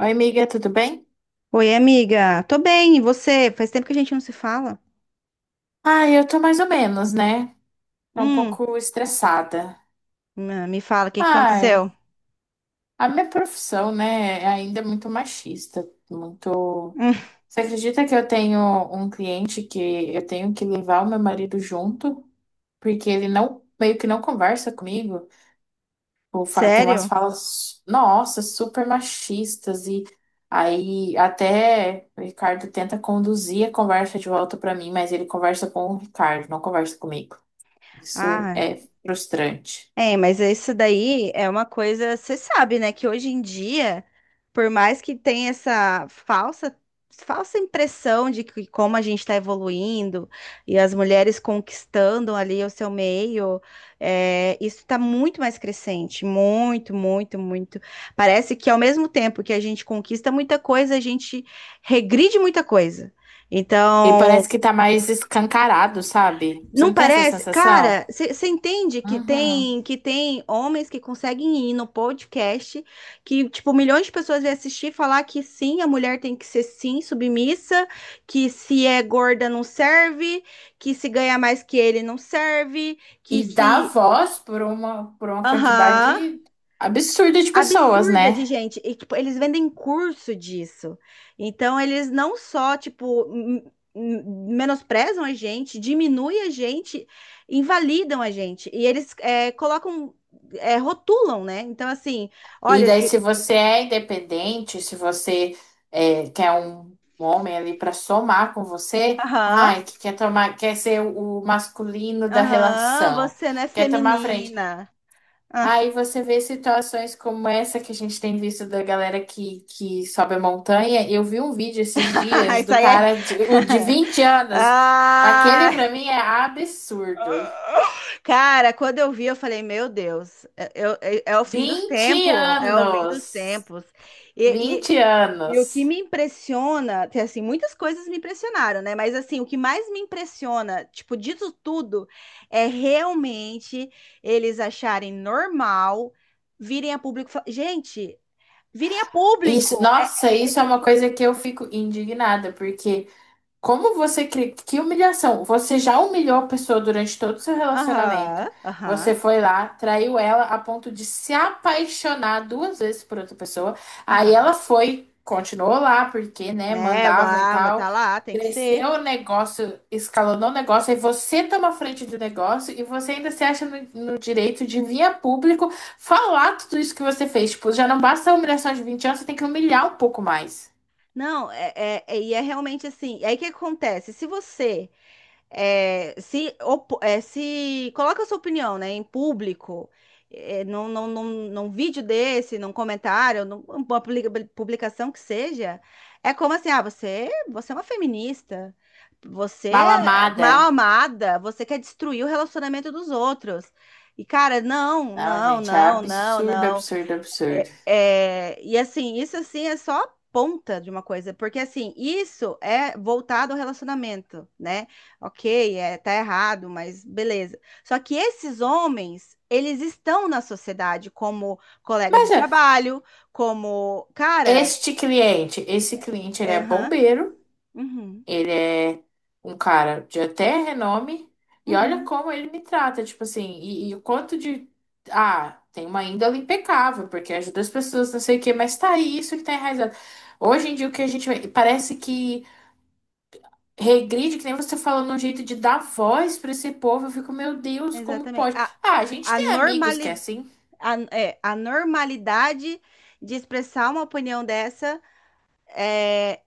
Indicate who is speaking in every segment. Speaker 1: Oi, amiga, tudo bem?
Speaker 2: Oi, amiga. Tô bem, e você? Faz tempo que a gente não se fala.
Speaker 1: Ah, eu tô mais ou menos, né? Tô um
Speaker 2: Hum,
Speaker 1: pouco estressada.
Speaker 2: me fala, o que aconteceu?
Speaker 1: Ai, a minha profissão, né, é ainda muito machista, muito...
Speaker 2: Hum,
Speaker 1: Você acredita que eu tenho um cliente que eu tenho que levar o meu marido junto, porque ele não, meio que não conversa comigo, ou tem umas
Speaker 2: sério?
Speaker 1: falas, nossa, super machistas, e aí até o Ricardo tenta conduzir a conversa de volta pra mim, mas ele conversa com o Ricardo, não conversa comigo. Isso
Speaker 2: Ah,
Speaker 1: é frustrante.
Speaker 2: é, mas isso daí é uma coisa, você sabe, né, que hoje em dia, por mais que tenha essa falsa impressão de que como a gente está evoluindo e as mulheres conquistando ali o seu meio, é, isso está muito mais crescente, muito, muito, muito. Parece que ao mesmo tempo que a gente conquista muita coisa, a gente regride muita coisa.
Speaker 1: E
Speaker 2: Então,
Speaker 1: parece que tá mais escancarado, sabe? Você
Speaker 2: não
Speaker 1: não tem essa
Speaker 2: parece?
Speaker 1: sensação?
Speaker 2: Cara, você entende que
Speaker 1: Uhum.
Speaker 2: tem homens que conseguem ir no podcast, que tipo milhões de pessoas iam assistir e falar que sim, a mulher tem que ser sim submissa, que se é gorda não serve, que se ganha mais que ele não serve, que
Speaker 1: E dá
Speaker 2: se
Speaker 1: voz por uma
Speaker 2: aham,
Speaker 1: quantidade absurda de pessoas,
Speaker 2: absurda de
Speaker 1: né?
Speaker 2: gente. E, tipo, eles vendem curso disso. Então, eles não só, tipo, m- menosprezam a gente, diminuem a gente, invalidam a gente. E eles colocam, rotulam, né? Então, assim,
Speaker 1: E
Speaker 2: olha,
Speaker 1: daí,
Speaker 2: se...
Speaker 1: se você é independente, se você é, quer um homem ali para somar com você,
Speaker 2: aham,
Speaker 1: ai, que quer tomar, quer ser o masculino da
Speaker 2: aham,
Speaker 1: relação,
Speaker 2: você não é
Speaker 1: quer tomar a frente.
Speaker 2: feminina.
Speaker 1: Aí você vê situações como essa que a gente tem visto da galera que sobe a montanha. Eu vi um vídeo esses dias
Speaker 2: Isso
Speaker 1: do
Speaker 2: aí é...
Speaker 1: cara de, o de vinte anos.
Speaker 2: Ah,
Speaker 1: Aquele pra mim é absurdo.
Speaker 2: cara, quando eu vi, eu falei, meu Deus, é o fim dos
Speaker 1: 20
Speaker 2: tempos, é o fim dos
Speaker 1: anos!
Speaker 2: tempos. E, e,
Speaker 1: vinte
Speaker 2: e o que
Speaker 1: anos!
Speaker 2: me impressiona, que, assim, muitas coisas me impressionaram, né? Mas assim, o que mais me impressiona, tipo, disso tudo, é realmente eles acharem normal virem a público. Gente, virem a
Speaker 1: Isso,
Speaker 2: público! É,
Speaker 1: nossa,
Speaker 2: é- é
Speaker 1: isso é
Speaker 2: tipo,
Speaker 1: uma coisa que eu fico indignada, porque como você cria? Que humilhação! Você já humilhou a pessoa durante todo o seu relacionamento.
Speaker 2: aham,
Speaker 1: Você
Speaker 2: aham,
Speaker 1: foi lá, traiu ela a ponto de se apaixonar 2 vezes por outra pessoa. Aí
Speaker 2: aham.
Speaker 1: ela foi, continuou lá, porque, né,
Speaker 2: Né,
Speaker 1: mandavam e
Speaker 2: mas
Speaker 1: tal.
Speaker 2: tá lá, tem que ser.
Speaker 1: Cresceu o negócio, escalonou o negócio, aí você toma a frente do negócio e você ainda se acha no, no direito de vir a público falar tudo isso que você fez. Tipo, já não basta a humilhação de 20 anos, você tem que humilhar um pouco mais.
Speaker 2: Não, é, é- é- e é realmente assim. E aí o que acontece? Se você se, se coloca a sua opinião, né, em público, num vídeo desse, num comentário, numa publicação que seja, é como assim, ah, você é uma feminista, você
Speaker 1: Mal
Speaker 2: é
Speaker 1: amada.
Speaker 2: mal amada, você quer destruir o relacionamento dos outros. E, cara,
Speaker 1: Não, gente, é absurdo,
Speaker 2: não.
Speaker 1: absurdo, absurdo.
Speaker 2: É, é, e assim, isso é só a ponta de uma coisa, porque assim, isso é voltado ao relacionamento, né? Ok, é, tá errado, mas beleza. Só que esses homens, eles estão na sociedade como colegas de
Speaker 1: Mas é,
Speaker 2: trabalho, como, cara,
Speaker 1: este cliente, esse cliente, ele
Speaker 2: é,
Speaker 1: é
Speaker 2: aham,
Speaker 1: bombeiro,
Speaker 2: uhum,
Speaker 1: ele é um cara de até renome, e olha
Speaker 2: uhum,
Speaker 1: como ele me trata, tipo assim, e o quanto de. Ah, tem uma índole impecável, porque ajuda as pessoas, não sei o quê, mas tá aí, isso que tá enraizado. Hoje em dia, o que a gente parece que regride, que nem você falando, um jeito de dar voz pra esse povo, eu fico, meu Deus, como
Speaker 2: exatamente.
Speaker 1: pode? Ah, a gente
Speaker 2: A
Speaker 1: tem amigos que é
Speaker 2: normali,
Speaker 1: assim.
Speaker 2: a normalidade de expressar uma opinião dessa, é,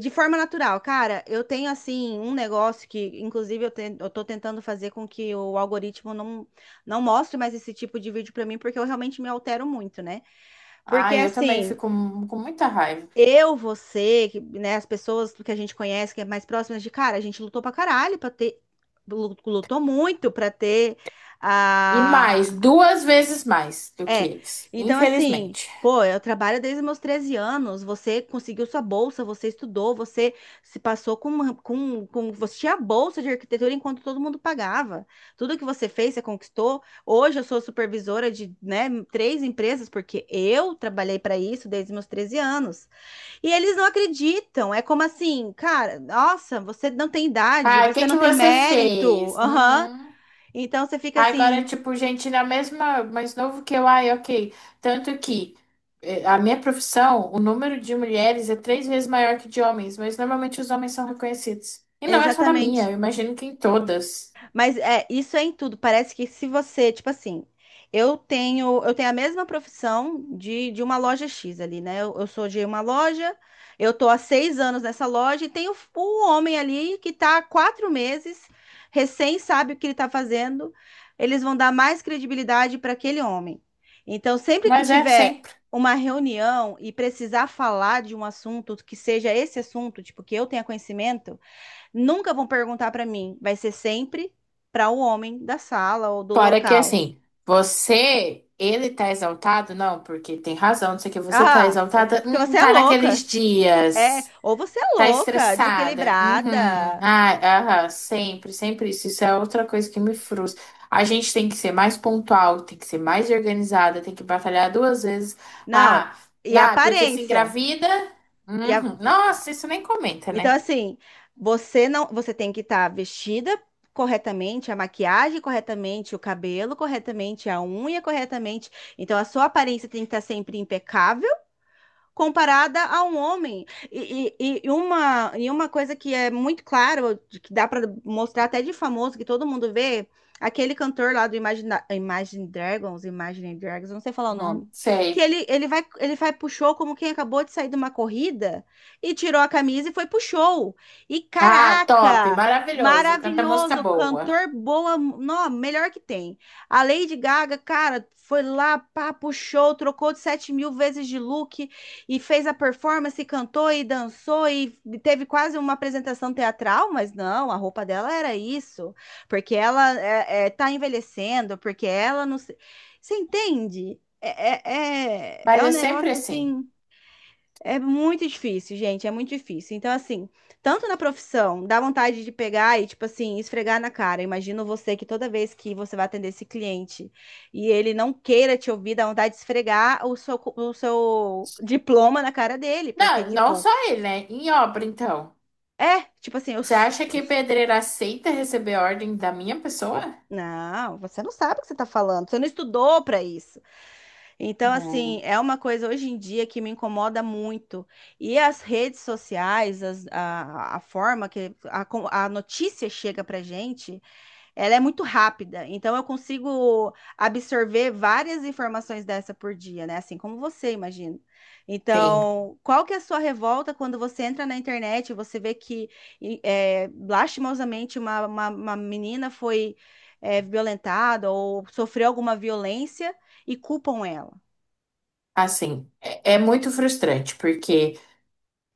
Speaker 2: de forma natural, cara, eu tenho assim um negócio que, inclusive, eu tô tentando fazer com que o algoritmo não, não mostre mais esse tipo de vídeo pra mim, porque eu realmente me altero muito, né? Porque
Speaker 1: Ah, eu também
Speaker 2: assim,
Speaker 1: fico com muita raiva.
Speaker 2: eu, você, que, né, as pessoas que a gente conhece, que é mais próximas de cara, a gente lutou pra caralho pra ter, lutou muito pra ter
Speaker 1: E
Speaker 2: a
Speaker 1: mais, 2 vezes mais do que
Speaker 2: é.
Speaker 1: eles,
Speaker 2: Então, assim,
Speaker 1: infelizmente.
Speaker 2: pô, eu trabalho desde meus 13 anos. Você conseguiu sua bolsa, você estudou, você se passou com. Você tinha a bolsa de arquitetura enquanto todo mundo pagava. Tudo que você fez, você conquistou. Hoje eu sou supervisora de, né, três empresas, porque eu trabalhei para isso desde meus 13 anos. E eles não acreditam. É como assim, cara, nossa, você não tem idade,
Speaker 1: Ah, o que
Speaker 2: você
Speaker 1: que
Speaker 2: não tem
Speaker 1: você
Speaker 2: mérito.
Speaker 1: fez?
Speaker 2: Aham.
Speaker 1: Uhum.
Speaker 2: Então você fica
Speaker 1: Ah, agora,
Speaker 2: assim,
Speaker 1: tipo, gente na mesma, mais novo que eu, ai, ok. Tanto que a minha profissão, o número de mulheres é 3 vezes maior que de homens, mas normalmente os homens são reconhecidos. E não é só na minha,
Speaker 2: exatamente.
Speaker 1: eu imagino que em todas.
Speaker 2: Mas é, isso é em tudo. Parece que se você, tipo assim, eu tenho a mesma profissão de uma loja X ali, né? Eu sou de uma loja, eu tô há 6 anos nessa loja e tem o homem ali que tá há 4 meses, recém sabe o que ele tá fazendo. Eles vão dar mais credibilidade para aquele homem. Então, sempre que
Speaker 1: Mas é
Speaker 2: tiver
Speaker 1: sempre.
Speaker 2: uma reunião e precisar falar de um assunto que seja esse assunto, tipo, que eu tenha conhecimento, nunca vão perguntar para mim, vai ser sempre para o homem da sala ou do
Speaker 1: Fora que
Speaker 2: local.
Speaker 1: assim, você, ele tá exaltado? Não, porque tem razão, não sei o que, você tá
Speaker 2: Ah, é,
Speaker 1: exaltada?
Speaker 2: porque você é
Speaker 1: Tá naqueles
Speaker 2: louca. É,
Speaker 1: dias.
Speaker 2: ou você é
Speaker 1: Tá
Speaker 2: louca,
Speaker 1: estressada. Uhum.
Speaker 2: desequilibrada.
Speaker 1: Ah, aham, sempre, sempre isso. Isso é outra coisa que me frustra. A gente tem que ser mais pontual, tem que ser mais organizada, tem que batalhar 2 vezes.
Speaker 2: Não,
Speaker 1: Ah,
Speaker 2: e a
Speaker 1: ah, porque se
Speaker 2: aparência.
Speaker 1: engravida.
Speaker 2: E a-
Speaker 1: Uhum. Nossa, isso nem comenta,
Speaker 2: Então
Speaker 1: né?
Speaker 2: assim, você não, você tem que estar vestida corretamente, a maquiagem corretamente, o cabelo corretamente, a unha corretamente. Então a sua aparência tem que estar sempre impecável comparada a um homem. E uma coisa que é muito claro, que dá para mostrar até de famoso, que todo mundo vê, aquele cantor lá do Imagine Dragons, eu não sei falar o nome,
Speaker 1: Uhum,
Speaker 2: que
Speaker 1: sei.
Speaker 2: ele vai pro show como quem acabou de sair de uma corrida e tirou a camisa e foi pro show. E
Speaker 1: Ah, top,
Speaker 2: caraca!
Speaker 1: maravilhoso, canta música
Speaker 2: Maravilhoso,
Speaker 1: boa.
Speaker 2: cantor boa, não, melhor que tem. A Lady Gaga, cara, foi lá, pá, puxou, trocou de 7 mil vezes de look, e fez a performance, e cantou e dançou e teve quase uma apresentação teatral, mas não, a roupa dela era isso, porque tá envelhecendo, porque ela Você entende?
Speaker 1: Mas
Speaker 2: É um
Speaker 1: é sempre
Speaker 2: negócio
Speaker 1: assim.
Speaker 2: assim. É muito difícil, gente, é muito difícil. Então, assim, tanto na profissão, dá vontade de pegar e, tipo assim, esfregar na cara. Imagino você que toda vez que você vai atender esse cliente e ele não queira te ouvir, dá vontade de esfregar o seu diploma na cara dele, porque,
Speaker 1: Não, não
Speaker 2: tipo,
Speaker 1: só ele, né? Em obra, então.
Speaker 2: é, tipo assim,
Speaker 1: Você acha que pedreiro aceita receber ordem da minha pessoa?
Speaker 2: não, você não sabe o que você tá falando, você não estudou pra isso. Então, assim,
Speaker 1: Não.
Speaker 2: é uma coisa hoje em dia que me incomoda muito. E as redes sociais, a forma que a notícia chega pra gente, ela é muito rápida. Então, eu consigo absorver várias informações dessa por dia, né? Assim como você, imagino.
Speaker 1: Tem.
Speaker 2: Então, qual que é a sua revolta quando você entra na internet e você vê que, é, lastimosamente, uma menina foi, é, violentada ou sofreu alguma violência e culpam ela?
Speaker 1: Assim, é, é muito frustrante, porque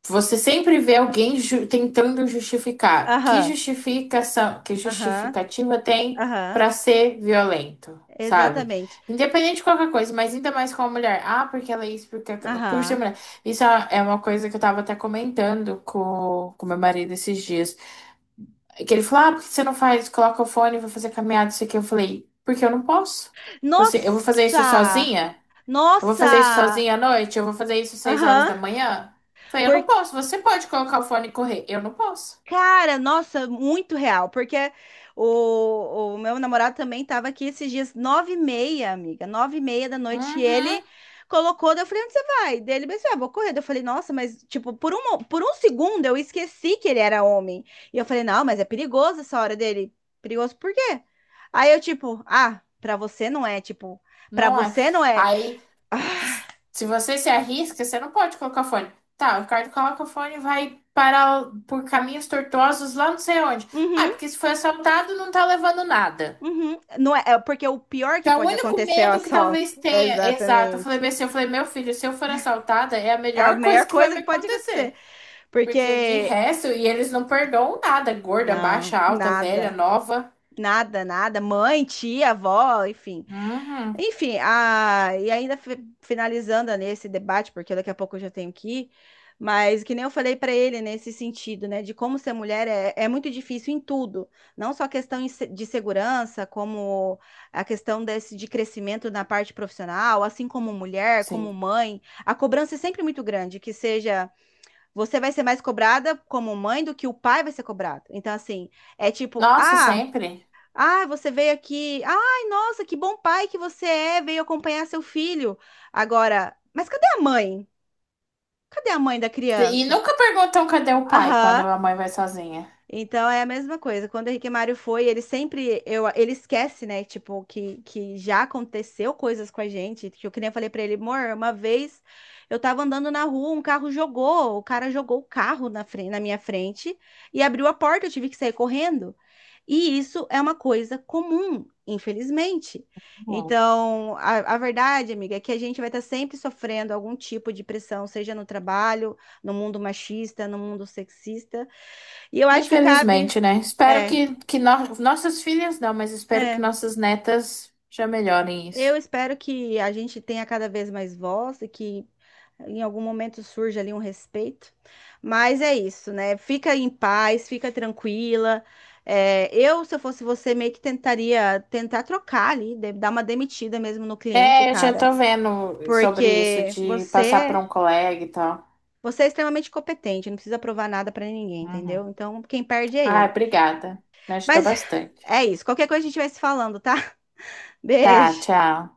Speaker 1: você sempre vê alguém tentando justificar. Que
Speaker 2: Aham,
Speaker 1: justificação, que
Speaker 2: aham,
Speaker 1: justificativa tem
Speaker 2: aham,
Speaker 1: para ser violento, sabe?
Speaker 2: exatamente.
Speaker 1: Independente de qualquer coisa, mas ainda mais com a mulher. Ah, porque ela é isso, porque aquela, por ser
Speaker 2: Aham.
Speaker 1: mulher. Isso é é uma coisa que eu tava até comentando com meu marido esses dias. Que ele falou, ah, por que você não faz? Coloca o fone, e vai fazer caminhada, isso aqui. Eu falei, porque eu não posso. Falei assim, eu vou fazer isso
Speaker 2: Nossa!
Speaker 1: sozinha? Eu vou fazer isso
Speaker 2: Nossa!
Speaker 1: sozinha à noite? Eu vou fazer isso 6 horas
Speaker 2: Aham.
Speaker 1: da manhã? Falei, eu não posso. Você pode colocar o fone e correr. Eu não posso.
Speaker 2: Cara, nossa, muito real, porque o meu namorado também estava aqui esses dias, 9h30, amiga, 9h30 da noite, e ele
Speaker 1: Uhum,
Speaker 2: colocou, daí eu falei, onde você vai? Daí ele pensou, ah, vou correr. Daí eu falei, nossa, mas, tipo, por um segundo eu esqueci que ele era homem, e eu falei, não, mas é perigoso essa hora dele, perigoso por quê? Aí eu, tipo, ah, pra você não é, tipo, pra
Speaker 1: não é.
Speaker 2: você não é,
Speaker 1: Aí, se você se arrisca, você não pode colocar o fone. Tá, o Ricardo coloca o fone e vai parar por caminhos tortuosos lá não sei onde. Ah,
Speaker 2: uhum,
Speaker 1: porque se foi assaltado, não tá levando nada.
Speaker 2: uhum, não é, é porque o pior
Speaker 1: Que
Speaker 2: que
Speaker 1: é o
Speaker 2: pode
Speaker 1: único
Speaker 2: acontecer é o
Speaker 1: medo que talvez
Speaker 2: assalto,
Speaker 1: tenha. Exato. Eu falei
Speaker 2: exatamente.
Speaker 1: bem assim, eu falei, meu filho, se eu for assaltada, é a
Speaker 2: É a
Speaker 1: melhor
Speaker 2: melhor
Speaker 1: coisa que vai
Speaker 2: coisa
Speaker 1: me
Speaker 2: que pode acontecer.
Speaker 1: acontecer.
Speaker 2: Porque,
Speaker 1: Porque de resto, e eles não perdoam nada. Gorda,
Speaker 2: não,
Speaker 1: baixa, alta, velha,
Speaker 2: nada.
Speaker 1: nova.
Speaker 2: Nada, nada. Mãe, tia, avó, enfim.
Speaker 1: Uhum,
Speaker 2: Enfim, a... e ainda fi- finalizando nesse debate, porque daqui a pouco eu já tenho que ir, mas que nem eu falei para ele nesse sentido, né, de como ser mulher é muito difícil em tudo, não só a questão de segurança, como a questão desse de crescimento na parte profissional, assim como mulher, como
Speaker 1: sim.
Speaker 2: mãe, a cobrança é sempre muito grande, que seja. Você vai ser mais cobrada como mãe do que o pai vai ser cobrado. Então, assim, é tipo,
Speaker 1: Nossa,
Speaker 2: ah,
Speaker 1: sempre.
Speaker 2: ah, você veio aqui. Ai, nossa, que bom pai que você é, veio acompanhar seu filho. Agora, mas cadê a mãe? Cadê a mãe da
Speaker 1: E
Speaker 2: criança?
Speaker 1: nunca perguntam cadê o pai quando
Speaker 2: Aham,
Speaker 1: a mãe vai sozinha.
Speaker 2: então é a mesma coisa. Quando o Henrique Mário foi, ele sempre eu, ele esquece, né? Tipo, que já aconteceu coisas com a gente. Que eu que nem eu falei pra ele, amor, uma vez eu tava andando na rua, um carro jogou, o cara jogou o carro na frente, na minha frente e abriu a porta, eu tive que sair correndo. E isso é uma coisa comum, infelizmente.
Speaker 1: Hum.
Speaker 2: Então, a verdade, amiga, é que a gente vai estar sempre sofrendo algum tipo de pressão, seja no trabalho, no mundo machista, no mundo sexista. E eu acho que cabe.
Speaker 1: Infelizmente, né? Espero
Speaker 2: É,
Speaker 1: que, que nossas filhas não, mas espero que
Speaker 2: é.
Speaker 1: nossas netas já melhorem
Speaker 2: Eu
Speaker 1: isso.
Speaker 2: espero que a gente tenha cada vez mais voz e que em algum momento surge ali um respeito. Mas é isso, né? Fica em paz, fica tranquila. É, eu, se eu fosse você, meio que tentaria tentar trocar ali, dar uma demitida mesmo no cliente,
Speaker 1: É, eu já
Speaker 2: cara.
Speaker 1: tô vendo sobre isso,
Speaker 2: Porque
Speaker 1: de passar para
Speaker 2: você,
Speaker 1: um colega e tal.
Speaker 2: você é extremamente competente, não precisa provar nada pra ninguém,
Speaker 1: Uhum.
Speaker 2: entendeu? Então, quem perde é
Speaker 1: Ah,
Speaker 2: ele.
Speaker 1: obrigada. Me ajudou
Speaker 2: Mas
Speaker 1: bastante.
Speaker 2: é isso. Qualquer coisa a gente vai se falando, tá?
Speaker 1: Tá,
Speaker 2: Beijo.
Speaker 1: tchau.